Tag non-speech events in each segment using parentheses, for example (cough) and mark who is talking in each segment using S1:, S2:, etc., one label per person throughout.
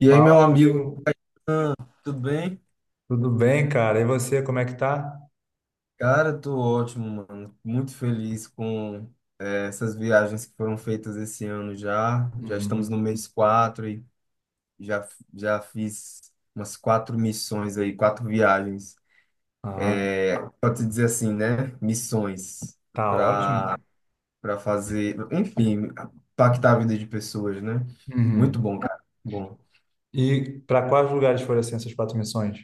S1: E aí,
S2: Fala,
S1: meu amigo,
S2: amigo.
S1: tudo bem?
S2: Tudo bem, cara? E você, como é que tá?
S1: Cara, tô ótimo, mano. Muito feliz com essas viagens que foram feitas esse ano já. Já estamos no
S2: Uhum.
S1: mês 4 e já, já fiz umas quatro missões aí, quatro viagens.
S2: Ah,
S1: Pode se dizer assim, né? Missões
S2: tá
S1: para
S2: ótimo.
S1: para fazer, enfim, impactar a vida de pessoas, né? Muito
S2: Uhum.
S1: bom, cara. Bom.
S2: E para quais lugares foram assim essas quatro missões?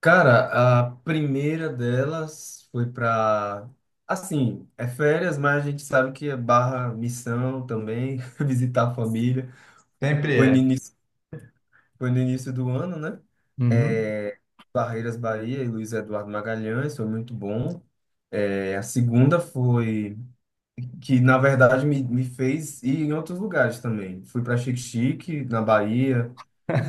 S1: Cara, a primeira delas foi pra assim, é férias, mas a gente sabe que é barra missão também, (laughs) visitar a família.
S2: Sempre
S1: Foi no
S2: é.
S1: início, foi no início do ano, né?
S2: Uhum.
S1: É, Barreiras Bahia e Luiz Eduardo Magalhães, foi muito bom. É, a segunda foi que, na verdade, me fez ir em outros lugares também. Fui para Xique-Xique, na Bahia,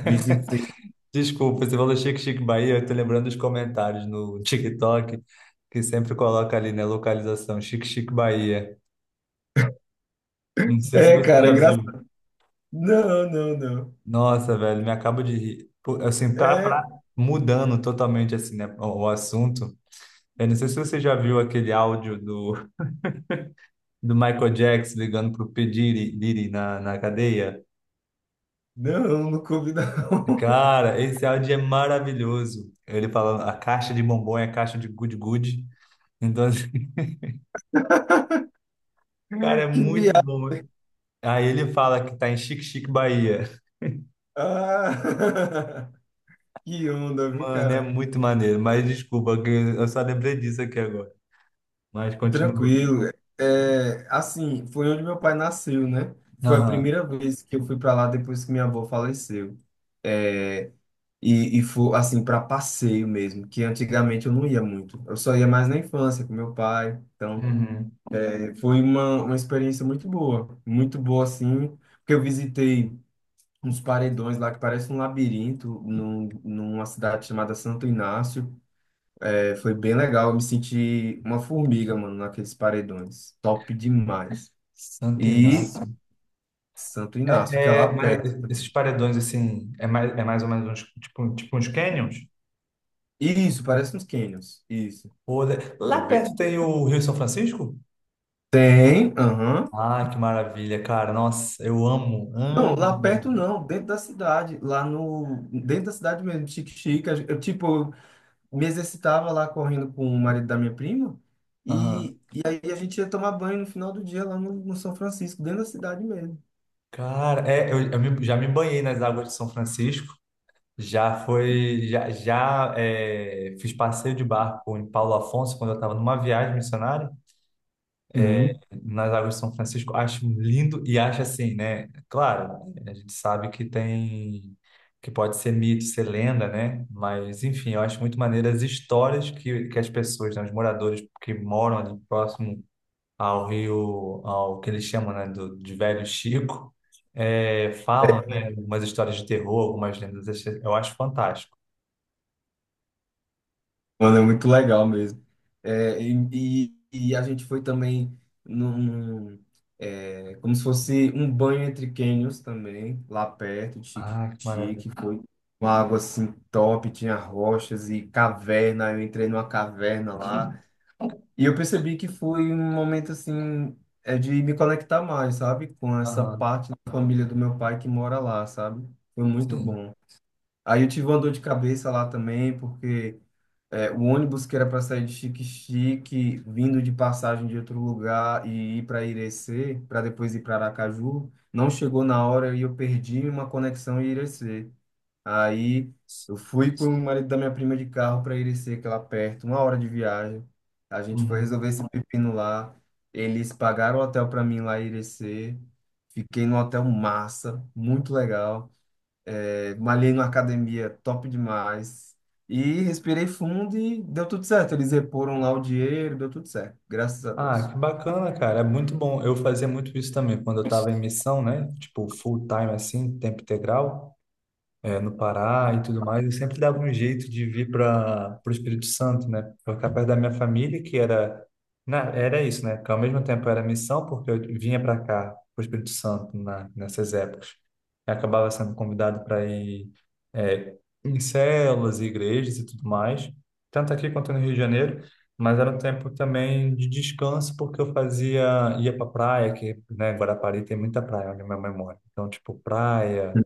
S1: visitei.
S2: Desculpa, você falou Chique Chique Bahia, eu tô lembrando dos comentários no TikTok, que sempre coloca ali, né, localização, Chique Chique Bahia. Não sei se
S1: É,
S2: você
S1: cara,
S2: já viu.
S1: engraçado. Não, não, não.
S2: Nossa, velho, me acabo de rir. Pô, assim, tá
S1: É,
S2: mudando totalmente, assim, né, o assunto. Eu não sei se você já viu aquele áudio do Michael Jackson ligando pro P. Diddy, Diddy na cadeia.
S1: não, não comi não.
S2: Cara, esse áudio é maravilhoso. Ele falando, a caixa de bombom é a caixa de good good. Então, assim, (laughs) cara, é
S1: (laughs) Que
S2: muito
S1: viagem.
S2: bom. Aí ele fala que tá em Chique Chique, Bahia.
S1: Ah, (laughs) que onda, viu,
S2: Mano, é
S1: cara?
S2: muito maneiro. Mas desculpa, que eu só lembrei disso aqui agora. Mas continua.
S1: Tranquilo. É, assim, foi onde meu pai nasceu, né? Foi a
S2: Aham.
S1: primeira vez que eu fui para lá depois que minha avó faleceu. É, e foi, assim, para passeio mesmo, que antigamente eu não ia muito. Eu só ia mais na infância com meu pai. Então,
S2: Uhum.
S1: foi uma experiência muito boa. Muito boa, assim, porque eu visitei uns paredões lá que parece um labirinto numa cidade chamada Santo Inácio. É, foi bem legal, eu me senti uma formiga, mano, naqueles paredões. Top demais.
S2: Santo
S1: E
S2: Inácio.
S1: Santo Inácio, que é lá
S2: Mas
S1: perto.
S2: esses paredões, assim, é mais ou menos uns, tipo uns canyons?
S1: Isso, parece uns canyons. Isso.
S2: Ou-
S1: É
S2: Lá
S1: bem...
S2: perto tem o Rio São Francisco?
S1: Tem, aham.
S2: Ah, que maravilha, cara. Nossa, eu amo,
S1: Não,
S2: amo.
S1: lá perto não, dentro da cidade, lá no, dentro da cidade mesmo, Chique Chique, eu, tipo, me exercitava lá correndo com o marido da minha prima,
S2: Aham.
S1: e aí a gente ia tomar banho no final do dia lá no, no São Francisco, dentro da cidade mesmo.
S2: Cara, eu já me banhei nas águas de São Francisco. Já foi, fiz passeio de barco em Paulo Afonso quando eu estava numa viagem missionária
S1: Sim.
S2: nas águas de São Francisco. Acho lindo e acho assim, né? Claro, a gente sabe que tem, que pode ser mito, ser lenda, né? Mas enfim, eu acho muito maneiro as histórias que as pessoas, né, os moradores que moram ali próximo ao Rio, ao que eles chamam, né, de Velho Chico, falam, né, umas histórias de terror, algumas lendas, esse eu acho fantástico.
S1: Mano, é muito legal mesmo. É, e a gente foi também num, como se fosse um banho entre cânions também, lá perto, de
S2: Ah, que
S1: Chique-Chique.
S2: maravilha.
S1: Foi uma água assim top, tinha rochas e caverna. Eu entrei numa caverna lá. E eu percebi que foi um momento assim, é de me conectar mais, sabe? Com essa
S2: Aham,
S1: parte da família do meu pai que mora lá, sabe? Foi muito
S2: sim.
S1: bom. Aí eu tive uma dor de cabeça lá também, porque o ônibus que era para sair de Xique-Xique, vindo de passagem de outro lugar e ir para Irecê, para depois ir para Aracaju, não chegou na hora e eu perdi uma conexão em Irecê. Aí eu fui com o marido da minha prima de carro para Irecê, que é lá perto, 1 hora de viagem. A gente foi
S2: Uhum.
S1: resolver esse pepino lá. Eles pagaram o hotel para mim lá em Irecê. Fiquei no hotel massa, muito legal. É, malhei numa academia top demais. E respirei fundo e deu tudo certo. Eles reporam lá o dinheiro, deu tudo certo. Graças a
S2: Ah,
S1: Deus.
S2: que bacana, cara. É muito bom. Eu fazia muito isso também quando eu estava em missão, né? Tipo, full time assim, tempo integral. No Pará e tudo mais, eu sempre dava um jeito de vir para o Espírito Santo, né? Para ficar perto da minha família, que era, era isso, né? Que ao mesmo tempo era missão, porque eu vinha para cá, para o Espírito Santo, nessas épocas. Eu acabava sendo convidado para ir é, em células, igrejas e tudo mais, tanto aqui quanto no Rio de Janeiro. Mas era um tempo também de descanso, porque eu fazia, ia pra praia, que, né, Guarapari tem muita praia onde minha mãe mora. Então, tipo, praia,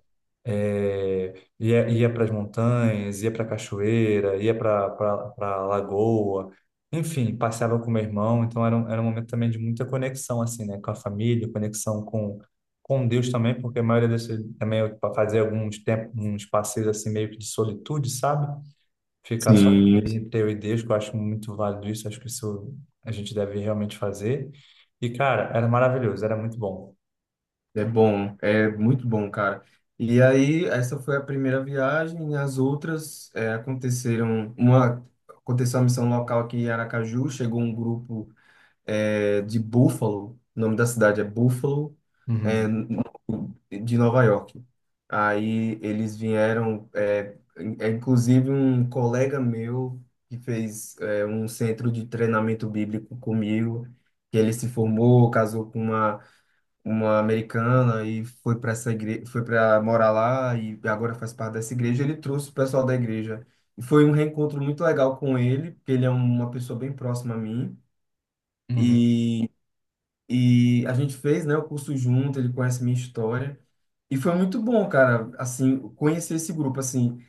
S2: ia para as montanhas, ia para a cachoeira, ia para a lagoa, enfim, passeava com meu irmão. Então era um momento também de muita conexão, assim, né, com a família, conexão com Deus também, porque a maioria das vezes também eu fazia alguns tempos, uns passeios assim meio que de solitude, sabe? Ficar só
S1: Sim.
S2: ali entre eu e Deus, que eu acho muito válido isso, acho que isso a gente deve realmente fazer. E cara, era maravilhoso, era muito bom.
S1: É bom, é muito bom, cara. E aí, essa foi a primeira viagem. As outras aconteceram. Uma aconteceu uma missão local aqui em Aracaju. Chegou um grupo de Buffalo. O nome da cidade é Buffalo. é,
S2: Uhum,
S1: de Nova York. Aí eles vieram, inclusive um colega meu que fez um centro de treinamento bíblico comigo, que ele se formou, casou com uma americana e foi para essa igreja, foi para morar lá e agora faz parte dessa igreja. Ele trouxe o pessoal da igreja. E foi um reencontro muito legal com ele, porque ele é uma pessoa bem próxima a mim.
S2: uhum,
S1: E a gente fez, né, o curso junto, ele conhece minha história. E foi muito bom, cara, assim, conhecer esse grupo, assim.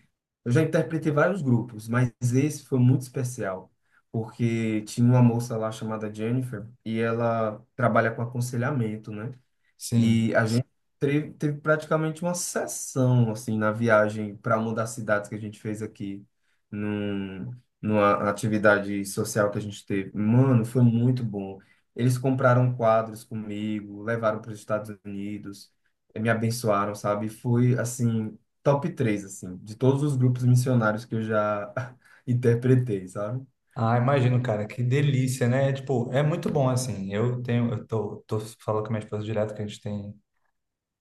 S1: Eu já interpretei vários grupos, mas esse foi muito especial, porque tinha uma moça lá chamada Jennifer e ela trabalha com aconselhamento, né?
S2: sim.
S1: E a gente teve praticamente uma sessão assim na viagem para uma das cidades que a gente fez aqui, num, numa atividade social que a gente teve. Mano, foi muito bom. Eles compraram quadros comigo, levaram para os Estados Unidos, me abençoaram, sabe? Foi assim, top três assim, de todos os grupos missionários que eu já (laughs) interpretei, sabe?
S2: Ah, imagino, cara, que delícia, né? Tipo, é muito bom assim. Eu tenho, tô falando com a minha esposa direto que a gente tem,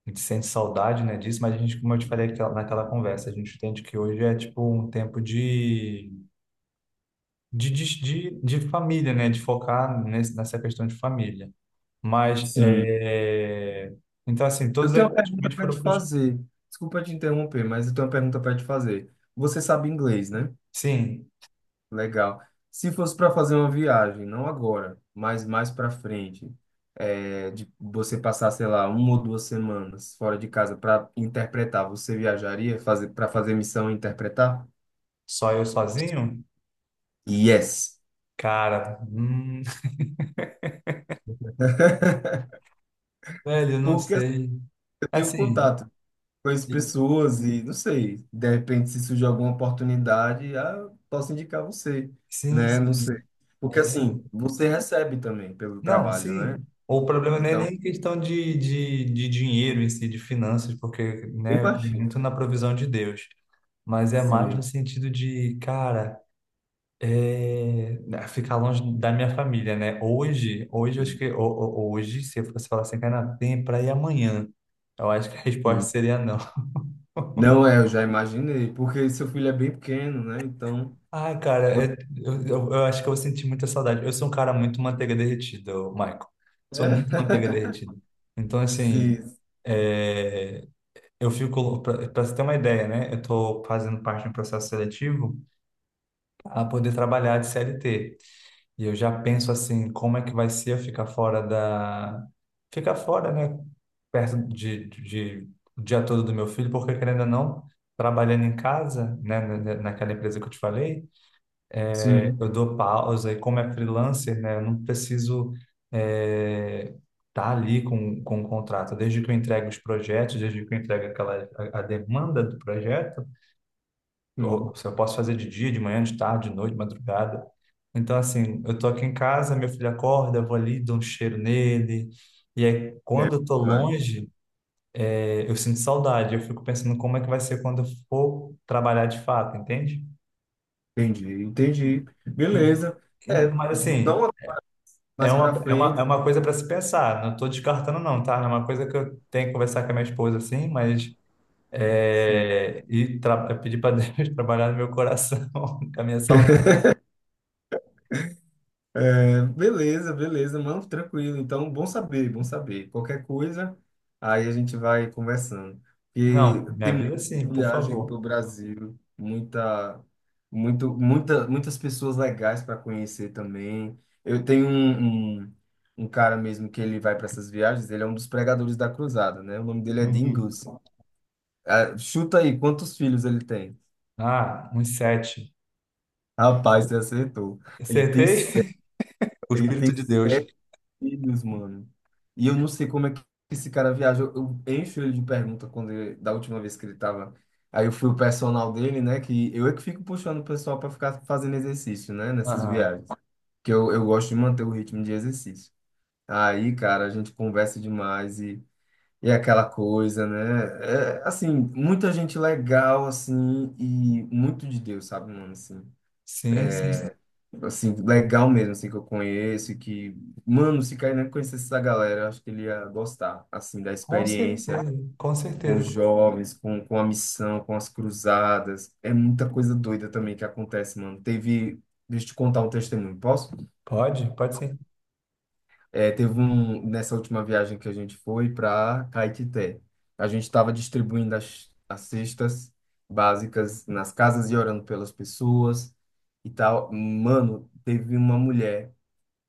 S2: a gente sente saudade, né, disso, mas a gente, como eu te falei naquela conversa, a gente entende que hoje é tipo um tempo de família, né? De focar nesse, nessa questão de família. Mas,
S1: Sim.
S2: então assim,
S1: Eu
S2: todos aí
S1: tenho uma pergunta
S2: praticamente
S1: para
S2: foram
S1: te
S2: pros...
S1: fazer. Desculpa te interromper, mas eu tenho uma pergunta para te fazer. Você sabe inglês, né?
S2: Sim,
S1: Legal. Se fosse para fazer uma viagem, não agora, mas mais para frente, é, de você passar, sei lá, uma ou 2 semanas fora de casa para interpretar, você viajaria fazer para fazer missão e interpretar?
S2: só eu sozinho?
S1: Yes.
S2: Cara, (laughs)
S1: (laughs)
S2: velho, eu não
S1: Porque assim,
S2: sei.
S1: eu tenho
S2: Assim,
S1: contato. Conheço pessoas e não sei, de repente se surgir alguma oportunidade, ah, eu posso indicar você,
S2: sim,
S1: né? Não sei.
S2: sim.
S1: Porque
S2: É assim,
S1: assim, você recebe também pelo
S2: não,
S1: trabalho, né?
S2: sim. O problema não é
S1: Então,
S2: nem questão de dinheiro em si, de finanças, porque,
S1: eu
S2: né, eu creio
S1: imagino.
S2: muito na provisão de Deus, mas é mais no
S1: Sim.
S2: sentido de, cara, né, ficar longe da minha família, né? Hoje, eu acho que, hoje, se eu fosse falar assim, cara, tem pra ir amanhã, eu acho que a (laughs) resposta
S1: Sim.
S2: seria não.
S1: Não é, eu já imaginei, porque seu filho é bem pequeno, né? Então,
S2: Ah, cara,
S1: você...
S2: eu acho que eu vou sentir muita saudade. Eu sou um cara muito manteiga derretida, ô, Michael.
S1: É.
S2: Sou muito manteiga
S1: (laughs)
S2: derretida. Então, assim.
S1: Sim,
S2: é, Eu fico, para você ter uma ideia, né? Eu estou fazendo parte de um processo seletivo para poder trabalhar de CLT. E eu já penso assim, como é que vai ser eu ficar fora da... Ficar fora, né? Perto o dia todo do meu filho, porque querendo ou não, trabalhando em casa, né? Naquela empresa que eu te falei,
S1: sim.
S2: eu dou pausa e como é freelancer, né, eu não preciso estar tá ali com o contrato. Desde que eu entregue os projetos, desde que eu entregue a demanda do projeto,
S1: Sim.
S2: ou, se eu posso fazer de dia, de manhã, de tarde, de noite, de madrugada. Então, assim, eu tô aqui em casa, meu filho acorda, eu vou ali, dou um cheiro nele. E aí,
S1: É,
S2: quando eu tô
S1: mas
S2: longe, eu sinto saudade. Eu fico pensando como é que vai ser quando eu for trabalhar de fato, entende?
S1: entendi, entendi. Beleza. É,
S2: Mas assim,
S1: não mais para
S2: É
S1: frente.
S2: uma coisa para se pensar. Não estou descartando, não, tá? É uma coisa que eu tenho que conversar com a minha esposa, assim, mas.
S1: Sim.
S2: É, e pedir para Deus (laughs) trabalhar no meu coração, (laughs) com a minha saudade.
S1: Beleza, beleza, mano, tranquilo. Então, bom saber, bom saber. Qualquer coisa, aí a gente vai conversando. E
S2: Não, minha vida sim, por
S1: viagem para
S2: favor.
S1: o Brasil, muita, muito, muita, muitas pessoas legais para conhecer também. Eu tenho um cara mesmo que ele vai para essas viagens, ele é um dos pregadores da cruzada, né? O nome dele é
S2: Uhum.
S1: Dingus. Ah, chuta aí, quantos filhos ele tem?
S2: Ah, uns sete.
S1: Rapaz, você acertou. Ele tem
S2: Acertei?
S1: sete,
S2: (laughs) O
S1: ele
S2: Espírito
S1: tem
S2: de
S1: sete
S2: Deus.
S1: filhos, mano. E eu não sei como é que esse cara viaja. Eu encho ele de pergunta quando da última vez que ele tava. Aí eu fui o personal dele, né? Que eu é que fico puxando o pessoal para ficar fazendo exercício, né? Nessas
S2: Aham.
S1: viagens. Que eu gosto de manter o ritmo de exercício. Aí, cara, a gente conversa demais e é aquela coisa, né? É, assim, muita gente legal, assim, e muito de Deus, sabe, mano? Assim
S2: Sim, sim.
S1: legal mesmo, assim, que eu conheço, e que, mano, se Kainan conhecesse essa galera, eu acho que ele ia gostar, assim, da
S2: Com
S1: experiência
S2: certeza, com
S1: com os
S2: certeza.
S1: jovens, com a missão, com as cruzadas. É muita coisa doida também que acontece, mano. Deixa eu te contar um testemunho, posso?
S2: Pode, pode sim.
S1: É, teve um, nessa última viagem que a gente foi para Caetité. A gente estava distribuindo as cestas básicas nas casas e orando pelas pessoas e tal. Mano, teve uma mulher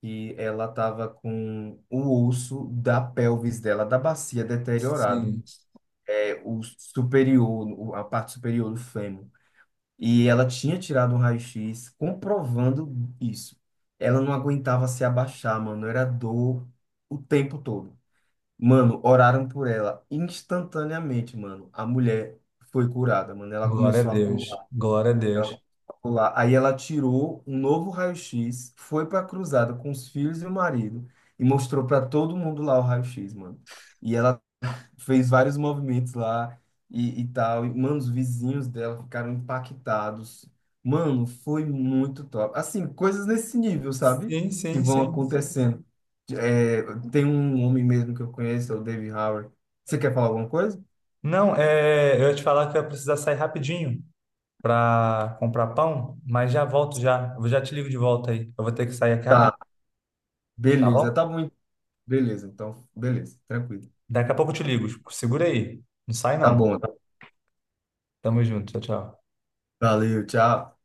S1: que ela estava com o osso da pelvis dela, da bacia deteriorado,
S2: Sim.
S1: é o superior, a parte superior do fêmur. E ela tinha tirado um raio-x comprovando isso. Ela não aguentava se abaixar, mano, era dor o tempo todo. Mano, oraram por ela instantaneamente, mano. A mulher foi curada, mano. Ela
S2: Glória a
S1: começou a
S2: Deus.
S1: pular.
S2: Glória a
S1: Ela
S2: Deus.
S1: ficou lá. Aí ela tirou um novo raio-x, foi para a cruzada com os filhos e o marido e mostrou para todo mundo lá o raio-x, mano. E ela fez vários movimentos lá e tal. E, mano, os vizinhos dela ficaram impactados. Mano, foi muito top. Assim, coisas nesse nível, sabe?
S2: Sim,
S1: Que
S2: sim,
S1: vão, sim, sim,
S2: sim.
S1: acontecendo. É, tem um homem mesmo que eu conheço, é o Dave Howard. Você quer falar alguma coisa?
S2: Não, eu ia te falar que eu ia precisar sair rapidinho para comprar pão, mas já volto já. Eu já te ligo de volta aí. Eu vou ter que sair aqui rapidinho,
S1: Tá,
S2: tá
S1: beleza, tá
S2: bom?
S1: bom, então. Beleza, então, beleza, tranquilo.
S2: Daqui a pouco eu te ligo. Segura aí. Não sai
S1: Tá
S2: não.
S1: bom.
S2: Tamo junto. Tchau, tchau.
S1: Valeu, tchau.